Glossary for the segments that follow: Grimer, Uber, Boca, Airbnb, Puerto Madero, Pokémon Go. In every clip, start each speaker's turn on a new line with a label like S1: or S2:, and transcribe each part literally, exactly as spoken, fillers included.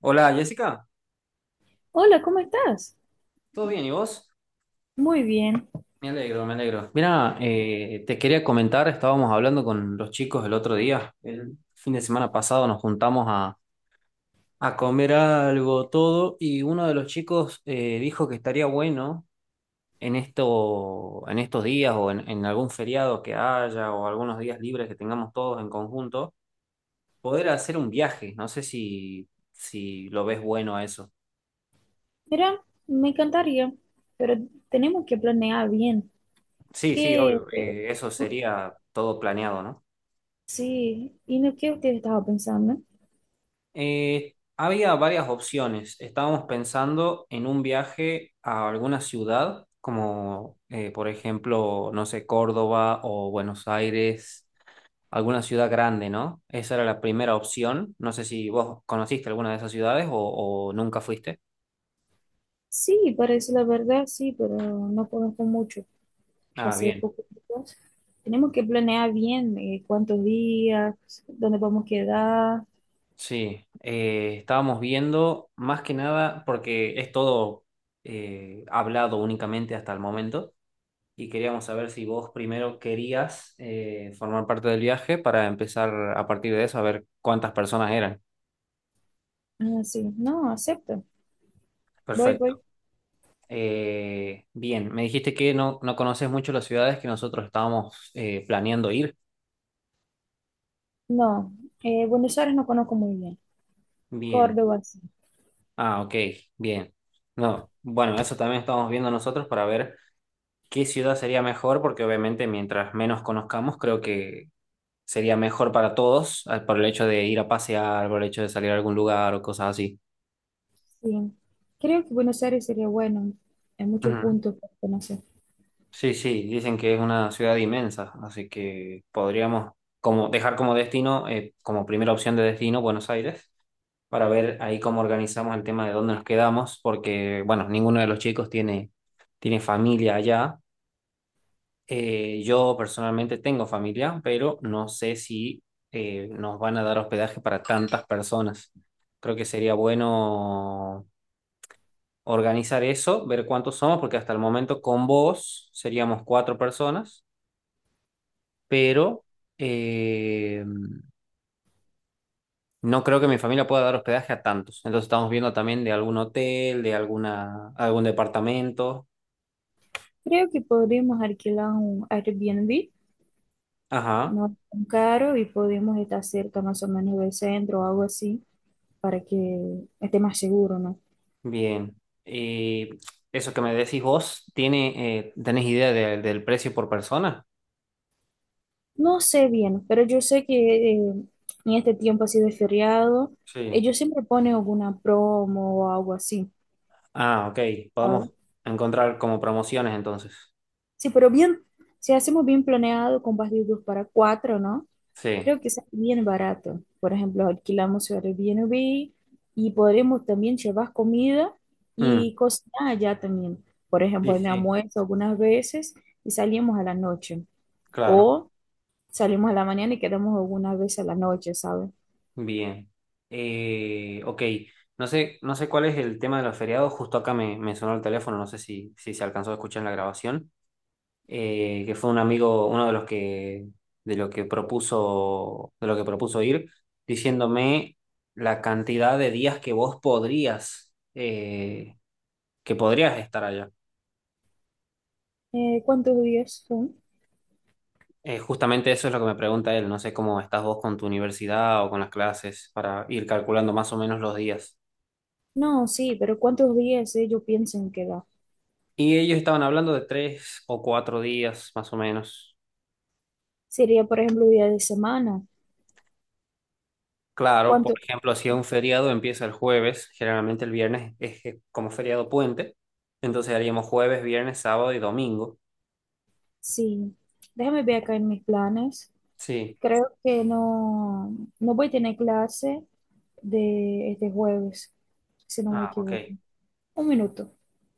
S1: Hola Jessica,
S2: Hola, ¿cómo estás?
S1: ¿todo bien? ¿Y vos?
S2: Muy bien.
S1: Me alegro, me alegro. Mira, eh, te quería comentar, estábamos hablando con los chicos el otro día, el fin de semana pasado nos juntamos a, a comer algo, todo, y uno de los chicos eh, dijo que estaría bueno en esto, en estos días o en, en algún feriado que haya o algunos días libres que tengamos todos en conjunto, poder hacer un viaje. No sé si, si lo ves bueno a eso.
S2: Mira, me encantaría, pero tenemos que planear bien.
S1: Sí, sí,
S2: ¿Qué?
S1: obvio,
S2: eh,
S1: eh, eso sería todo planeado, ¿no?
S2: Sí, ¿y no qué usted estaba pensando?
S1: Eh, había varias opciones. Estábamos pensando en un viaje a alguna ciudad, como eh, por ejemplo, no sé, Córdoba o Buenos Aires, alguna ciudad grande, ¿no? Esa era la primera opción. No sé si vos conociste alguna de esas ciudades o, o nunca fuiste.
S2: Sí, parece la verdad, sí, pero no conozco mucho.
S1: Ah,
S2: Hace
S1: bien.
S2: poco tiempo. Tenemos que planear bien, eh, cuántos días, dónde vamos a quedar.
S1: Sí. Eh, estábamos viendo más que nada, porque es todo eh, hablado únicamente hasta el momento, y queríamos saber si vos primero querías eh, formar parte del viaje para empezar a partir de eso a ver cuántas personas eran.
S2: Ah, sí, no, acepto. Voy,
S1: Perfecto.
S2: voy.
S1: Eh, bien, me dijiste que no, no conoces mucho las ciudades que nosotros estábamos eh, planeando ir.
S2: No, eh, Buenos Aires no conozco muy bien.
S1: Bien.
S2: Córdoba, sí.
S1: Ah, ok, bien. No, bueno, eso también estamos viendo nosotros para ver qué ciudad sería mejor, porque obviamente mientras menos conozcamos, creo que sería mejor para todos, eh, por el hecho de ir a pasear, por el hecho de salir a algún lugar o cosas así.
S2: Sí, creo que Buenos Aires sería bueno en muchos
S1: Ujú.
S2: puntos para conocer.
S1: Sí, sí, dicen que es una ciudad inmensa, así que podríamos como dejar como destino, eh, como primera opción de destino, Buenos Aires, para ver ahí cómo organizamos el tema de dónde nos quedamos, porque, bueno, ninguno de los chicos tiene, tiene familia allá. Eh, yo personalmente tengo familia, pero no sé si eh, nos van a dar hospedaje para tantas personas. Creo que sería bueno organizar eso, ver cuántos somos, porque hasta el momento con vos seríamos cuatro personas, pero eh, no creo que mi familia pueda dar hospedaje a tantos. Entonces estamos viendo también de algún hotel, de alguna, algún departamento.
S2: Creo que podríamos alquilar un Airbnb,
S1: Ajá,
S2: no es tan caro, y podemos estar cerca más o menos del centro o algo así para que esté más seguro, ¿no?
S1: bien. Y eso que me decís vos, ¿tiene, eh, ¿tenés idea de- del precio por persona?
S2: No sé bien, pero yo sé que eh, en este tiempo así de feriado,
S1: Sí.
S2: ellos siempre ponen alguna promo o algo así,
S1: Ah, ok. Podemos
S2: ¿sabes?
S1: encontrar como promociones entonces.
S2: Sí, pero bien, si hacemos bien planeado con partidos para cuatro, ¿no?
S1: Sí.
S2: Creo que es bien barato. Por ejemplo, alquilamos Airbnb y podremos también llevar comida
S1: Mm,
S2: y cocinar allá también. Por
S1: sí,
S2: ejemplo, en
S1: sí,
S2: almuerzo algunas veces y salimos a la noche.
S1: claro.
S2: O salimos a la mañana y quedamos algunas veces a la noche, ¿sabes?
S1: Bien. Eh, ok, no sé, no sé cuál es el tema de los feriados, justo acá me, me sonó el teléfono, no sé si, si se alcanzó a escuchar en la grabación, eh, que fue un amigo, uno de los que, de lo que propuso, de lo que propuso ir, diciéndome la cantidad de días que vos podrías, eh, que podrías estar allá.
S2: Eh, ¿cuántos días son?
S1: Eh, justamente eso es lo que me pregunta él, no sé cómo estás vos con tu universidad o con las clases para ir calculando más o menos los días.
S2: No, sí, pero ¿cuántos días ellos piensan que da?
S1: Y ellos estaban hablando de tres o cuatro días, más o menos.
S2: Sería, por ejemplo, día de semana.
S1: Claro, por
S2: ¿Cuántos
S1: ejemplo, si es un feriado empieza el jueves, generalmente el viernes es eh, como feriado puente, entonces haríamos jueves, viernes, sábado y domingo.
S2: Sí, déjame ver acá en mis planes.
S1: Sí.
S2: Creo que no, no voy a tener clase de este jueves, si no me
S1: Ah, ok.
S2: equivoco. Un minuto.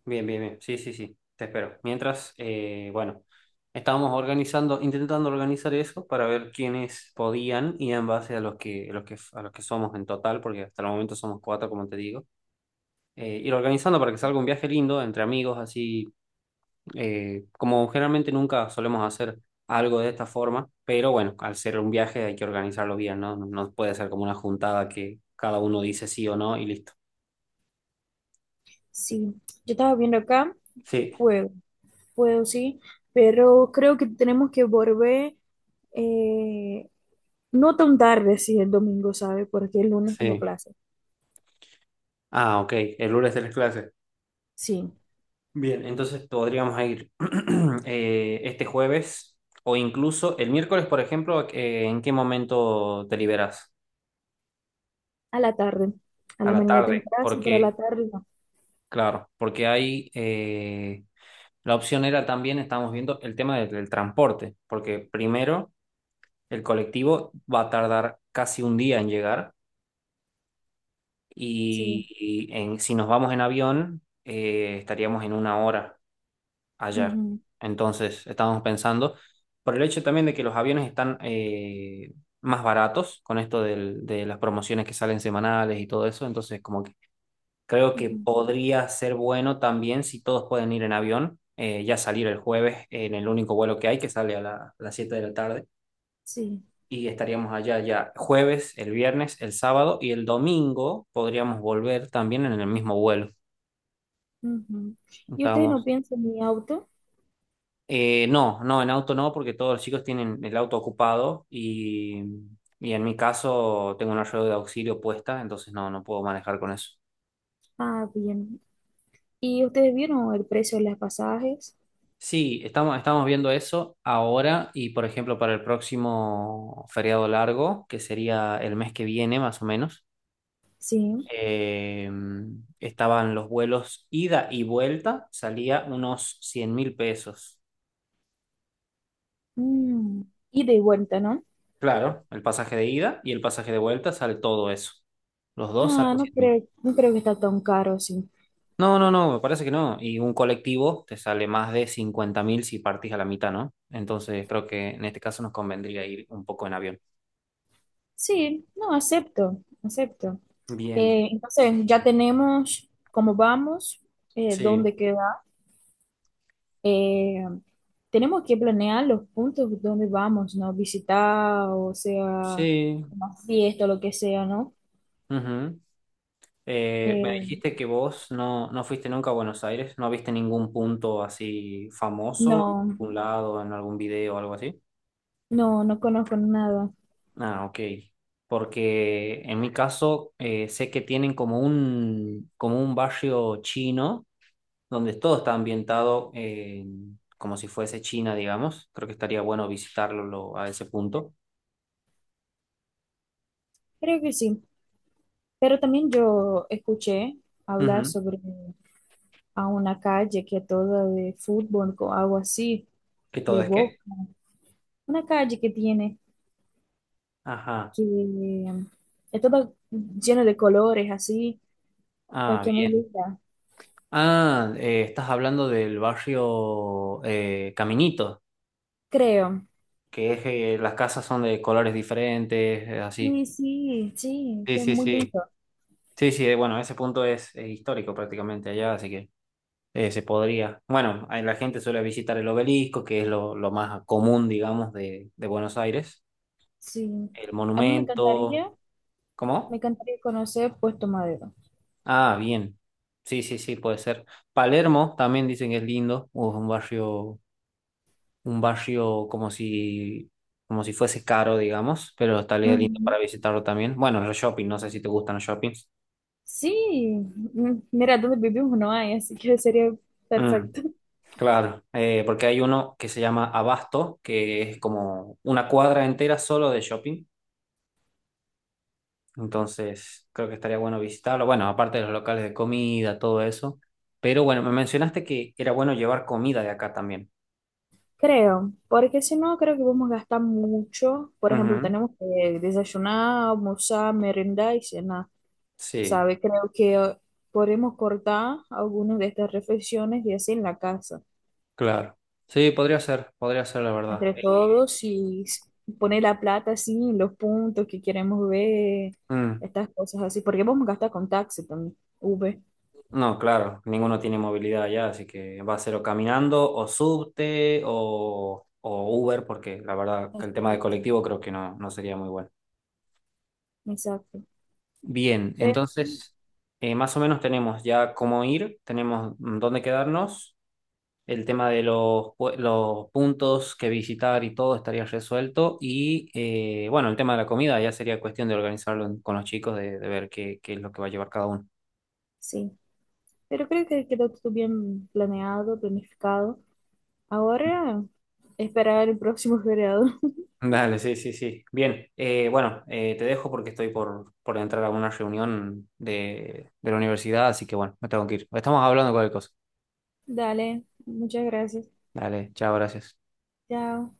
S1: Bien, bien, bien. Sí, sí, sí. Te espero. Mientras, eh, bueno, estábamos organizando, intentando organizar eso para ver quiénes podían y en base a los que, los que, a los que somos en total, porque hasta el momento somos cuatro, como te digo, eh, ir organizando para que salga un viaje lindo entre amigos, así, eh, como generalmente nunca solemos hacer algo de esta forma, pero bueno, al ser un viaje hay que organizarlo bien, ¿no? No no puede ser como una juntada que cada uno dice sí o no y listo.
S2: Sí, yo estaba viendo acá,
S1: Sí,
S2: puedo, puedo, sí, pero creo que tenemos que volver, eh, no tan tarde, si el domingo, ¿sabe? Porque el lunes tengo
S1: sí.
S2: clase.
S1: Ah, ok, el lunes tenés clases.
S2: Sí,
S1: Bien, entonces podríamos ir eh, este jueves o incluso el miércoles, por ejemplo, eh, ¿en qué momento te liberas?
S2: a la tarde. A
S1: A
S2: la
S1: la
S2: mañana
S1: tarde,
S2: tengo clase, pero a la
S1: porque,
S2: tarde no.
S1: claro, porque hay... eh, la opción era también, estábamos viendo, el tema del, del transporte, porque primero el colectivo va a tardar casi un día en llegar,
S2: Sí,
S1: y y en- si nos vamos en avión eh, estaríamos en una hora allá.
S2: ujú,
S1: Entonces estábamos pensando, por el hecho también de que los aviones están eh, más baratos con esto del- de las promociones que salen semanales y todo eso. Entonces como creo que
S2: ujú,
S1: podría ser bueno también si todos pueden ir en avión, eh, ya salir el jueves en el único vuelo que hay, que sale a, la- a las siete de la tarde,
S2: sí.
S1: y estaríamos allá ya jueves, el viernes, el sábado y el domingo podríamos volver también en el mismo vuelo.
S2: Ujú. Y ustedes
S1: Estábamos,
S2: no piensan en mi auto.
S1: eh, no, no, en auto no, porque todos los chicos tienen el auto ocupado, y, y en mi caso tengo una rueda de auxilio puesta, entonces no, no puedo manejar con eso.
S2: Ah, bien. ¿Y ustedes vieron el precio de los pasajes?
S1: Sí, estamos, estamos viendo eso ahora y, por ejemplo, para el próximo feriado largo, que sería el mes que viene más o menos,
S2: Sí.
S1: eh, estaban los vuelos ida y vuelta, salía unos cien mil pesos.
S2: Mm. Ida y de vuelta, ¿no?
S1: Claro, el pasaje de ida y el pasaje de vuelta sale todo eso. Los dos
S2: Ah,
S1: salen
S2: no
S1: cien mil.
S2: creo, no creo que está tan caro, sí.
S1: No, no, no, me parece que no. Y un colectivo te sale más de cincuenta mil si partís a la mitad, ¿no? Entonces creo que en este caso nos convendría ir un poco en avión.
S2: Sí, no, acepto, acepto.
S1: Bien.
S2: Eh, entonces, ya tenemos cómo vamos, eh,
S1: Sí,
S2: dónde queda. Eh, tenemos que planear los puntos donde vamos, ¿no? Visitar, o sea,
S1: sí.
S2: una fiesta, lo que sea, ¿no?
S1: Ujú. Eh, me
S2: Eh,
S1: dijiste que vos no, no fuiste nunca a Buenos Aires, no viste ningún punto así famoso, en
S2: no.
S1: algún lado, en algún video o algo así.
S2: No, no conozco nada.
S1: Ah, ok. Porque en mi caso eh, sé que tienen como un, como un, barrio chino donde todo está ambientado, eh, como si fuese China, digamos. Creo que estaría bueno visitarlo lo- a ese punto.
S2: Creo que sí. Pero también yo escuché hablar
S1: Ujú.
S2: sobre a una calle que es toda de fútbol o algo así,
S1: ¿Que todo
S2: de
S1: es qué?
S2: Boca. Una calle que tiene,
S1: Ajá.
S2: que eh, es toda llena de colores así, eh,
S1: Ah,
S2: que es muy
S1: bien.
S2: linda,
S1: Ah, eh, estás hablando del barrio, eh, Caminito,
S2: creo.
S1: que es eh, las casas son de colores diferentes, eh, así.
S2: Sí, sí, sí,
S1: Sí,
S2: que es
S1: sí,
S2: muy
S1: sí.
S2: lindo.
S1: Sí, sí, eh, bueno, ese punto es, es histórico prácticamente allá, así que eh, se podría. Bueno, ahí la gente suele visitar el obelisco, que es lo, lo más común, digamos, de, de Buenos Aires.
S2: Sí.
S1: El
S2: A mí me
S1: monumento.
S2: encantaría, me
S1: ¿Cómo?
S2: encantaría conocer Puerto Madero.
S1: Ah, bien. Sí, sí, sí, puede ser. Palermo también dicen que es lindo, o es un barrio un barrio como si, como si fuese caro, digamos, pero estaría lindo
S2: Ujú.
S1: para visitarlo también. Bueno, los shopping, no sé si te gustan los shoppings.
S2: Sí, mm, mira, donde vivimos no hay, así que sería
S1: Mm,
S2: perfecto.
S1: claro, eh, porque hay uno que se llama Abasto, que es como una cuadra entera solo de shopping. Entonces, creo que estaría bueno visitarlo. Bueno, aparte de los locales de comida, todo eso. Pero bueno, me mencionaste que era bueno llevar comida de acá también.
S2: Creo, porque si no, creo que vamos a gastar mucho. Por ejemplo,
S1: Ujú,
S2: tenemos que desayunar, almorzar, merendar y cenar,
S1: sí,
S2: ¿sabe? Creo que eh, podemos cortar algunas de estas reflexiones y así en la casa,
S1: claro. Sí, podría ser, podría ser la verdad.
S2: entre
S1: Eh,
S2: todos y s- poner la plata así, los puntos que queremos ver,
S1: mm.
S2: estas cosas así, porque vamos a gastar con taxi también, Uber.
S1: No, claro, ninguno tiene movilidad allá, así que va a ser o caminando, o subte, o, o Uber, porque la verdad que el tema de
S2: Exacto,
S1: colectivo creo que no, no sería muy bueno.
S2: exacto.
S1: Bien,
S2: Pero,
S1: entonces, eh, más o menos tenemos ya cómo ir, tenemos dónde quedarnos, el tema de los, pue- los puntos que visitar y todo estaría resuelto, y eh, bueno, el tema de la comida ya sería cuestión de organizarlo, en- con los chicos, de, de ver qué, qué es lo que va a llevar cada uno.
S2: sí. Pero creo que quedó todo bien planeado, planificado. Ahora, esperar el próximo feriado.
S1: Dale, sí, sí, sí. Bien, eh, bueno, eh, te dejo porque estoy por, por entrar a una reunión de, de la universidad, así que bueno, me tengo que ir. Estamos hablando cualquier cosa.
S2: Dale, muchas gracias.
S1: Dale, chao, gracias.
S2: Chao.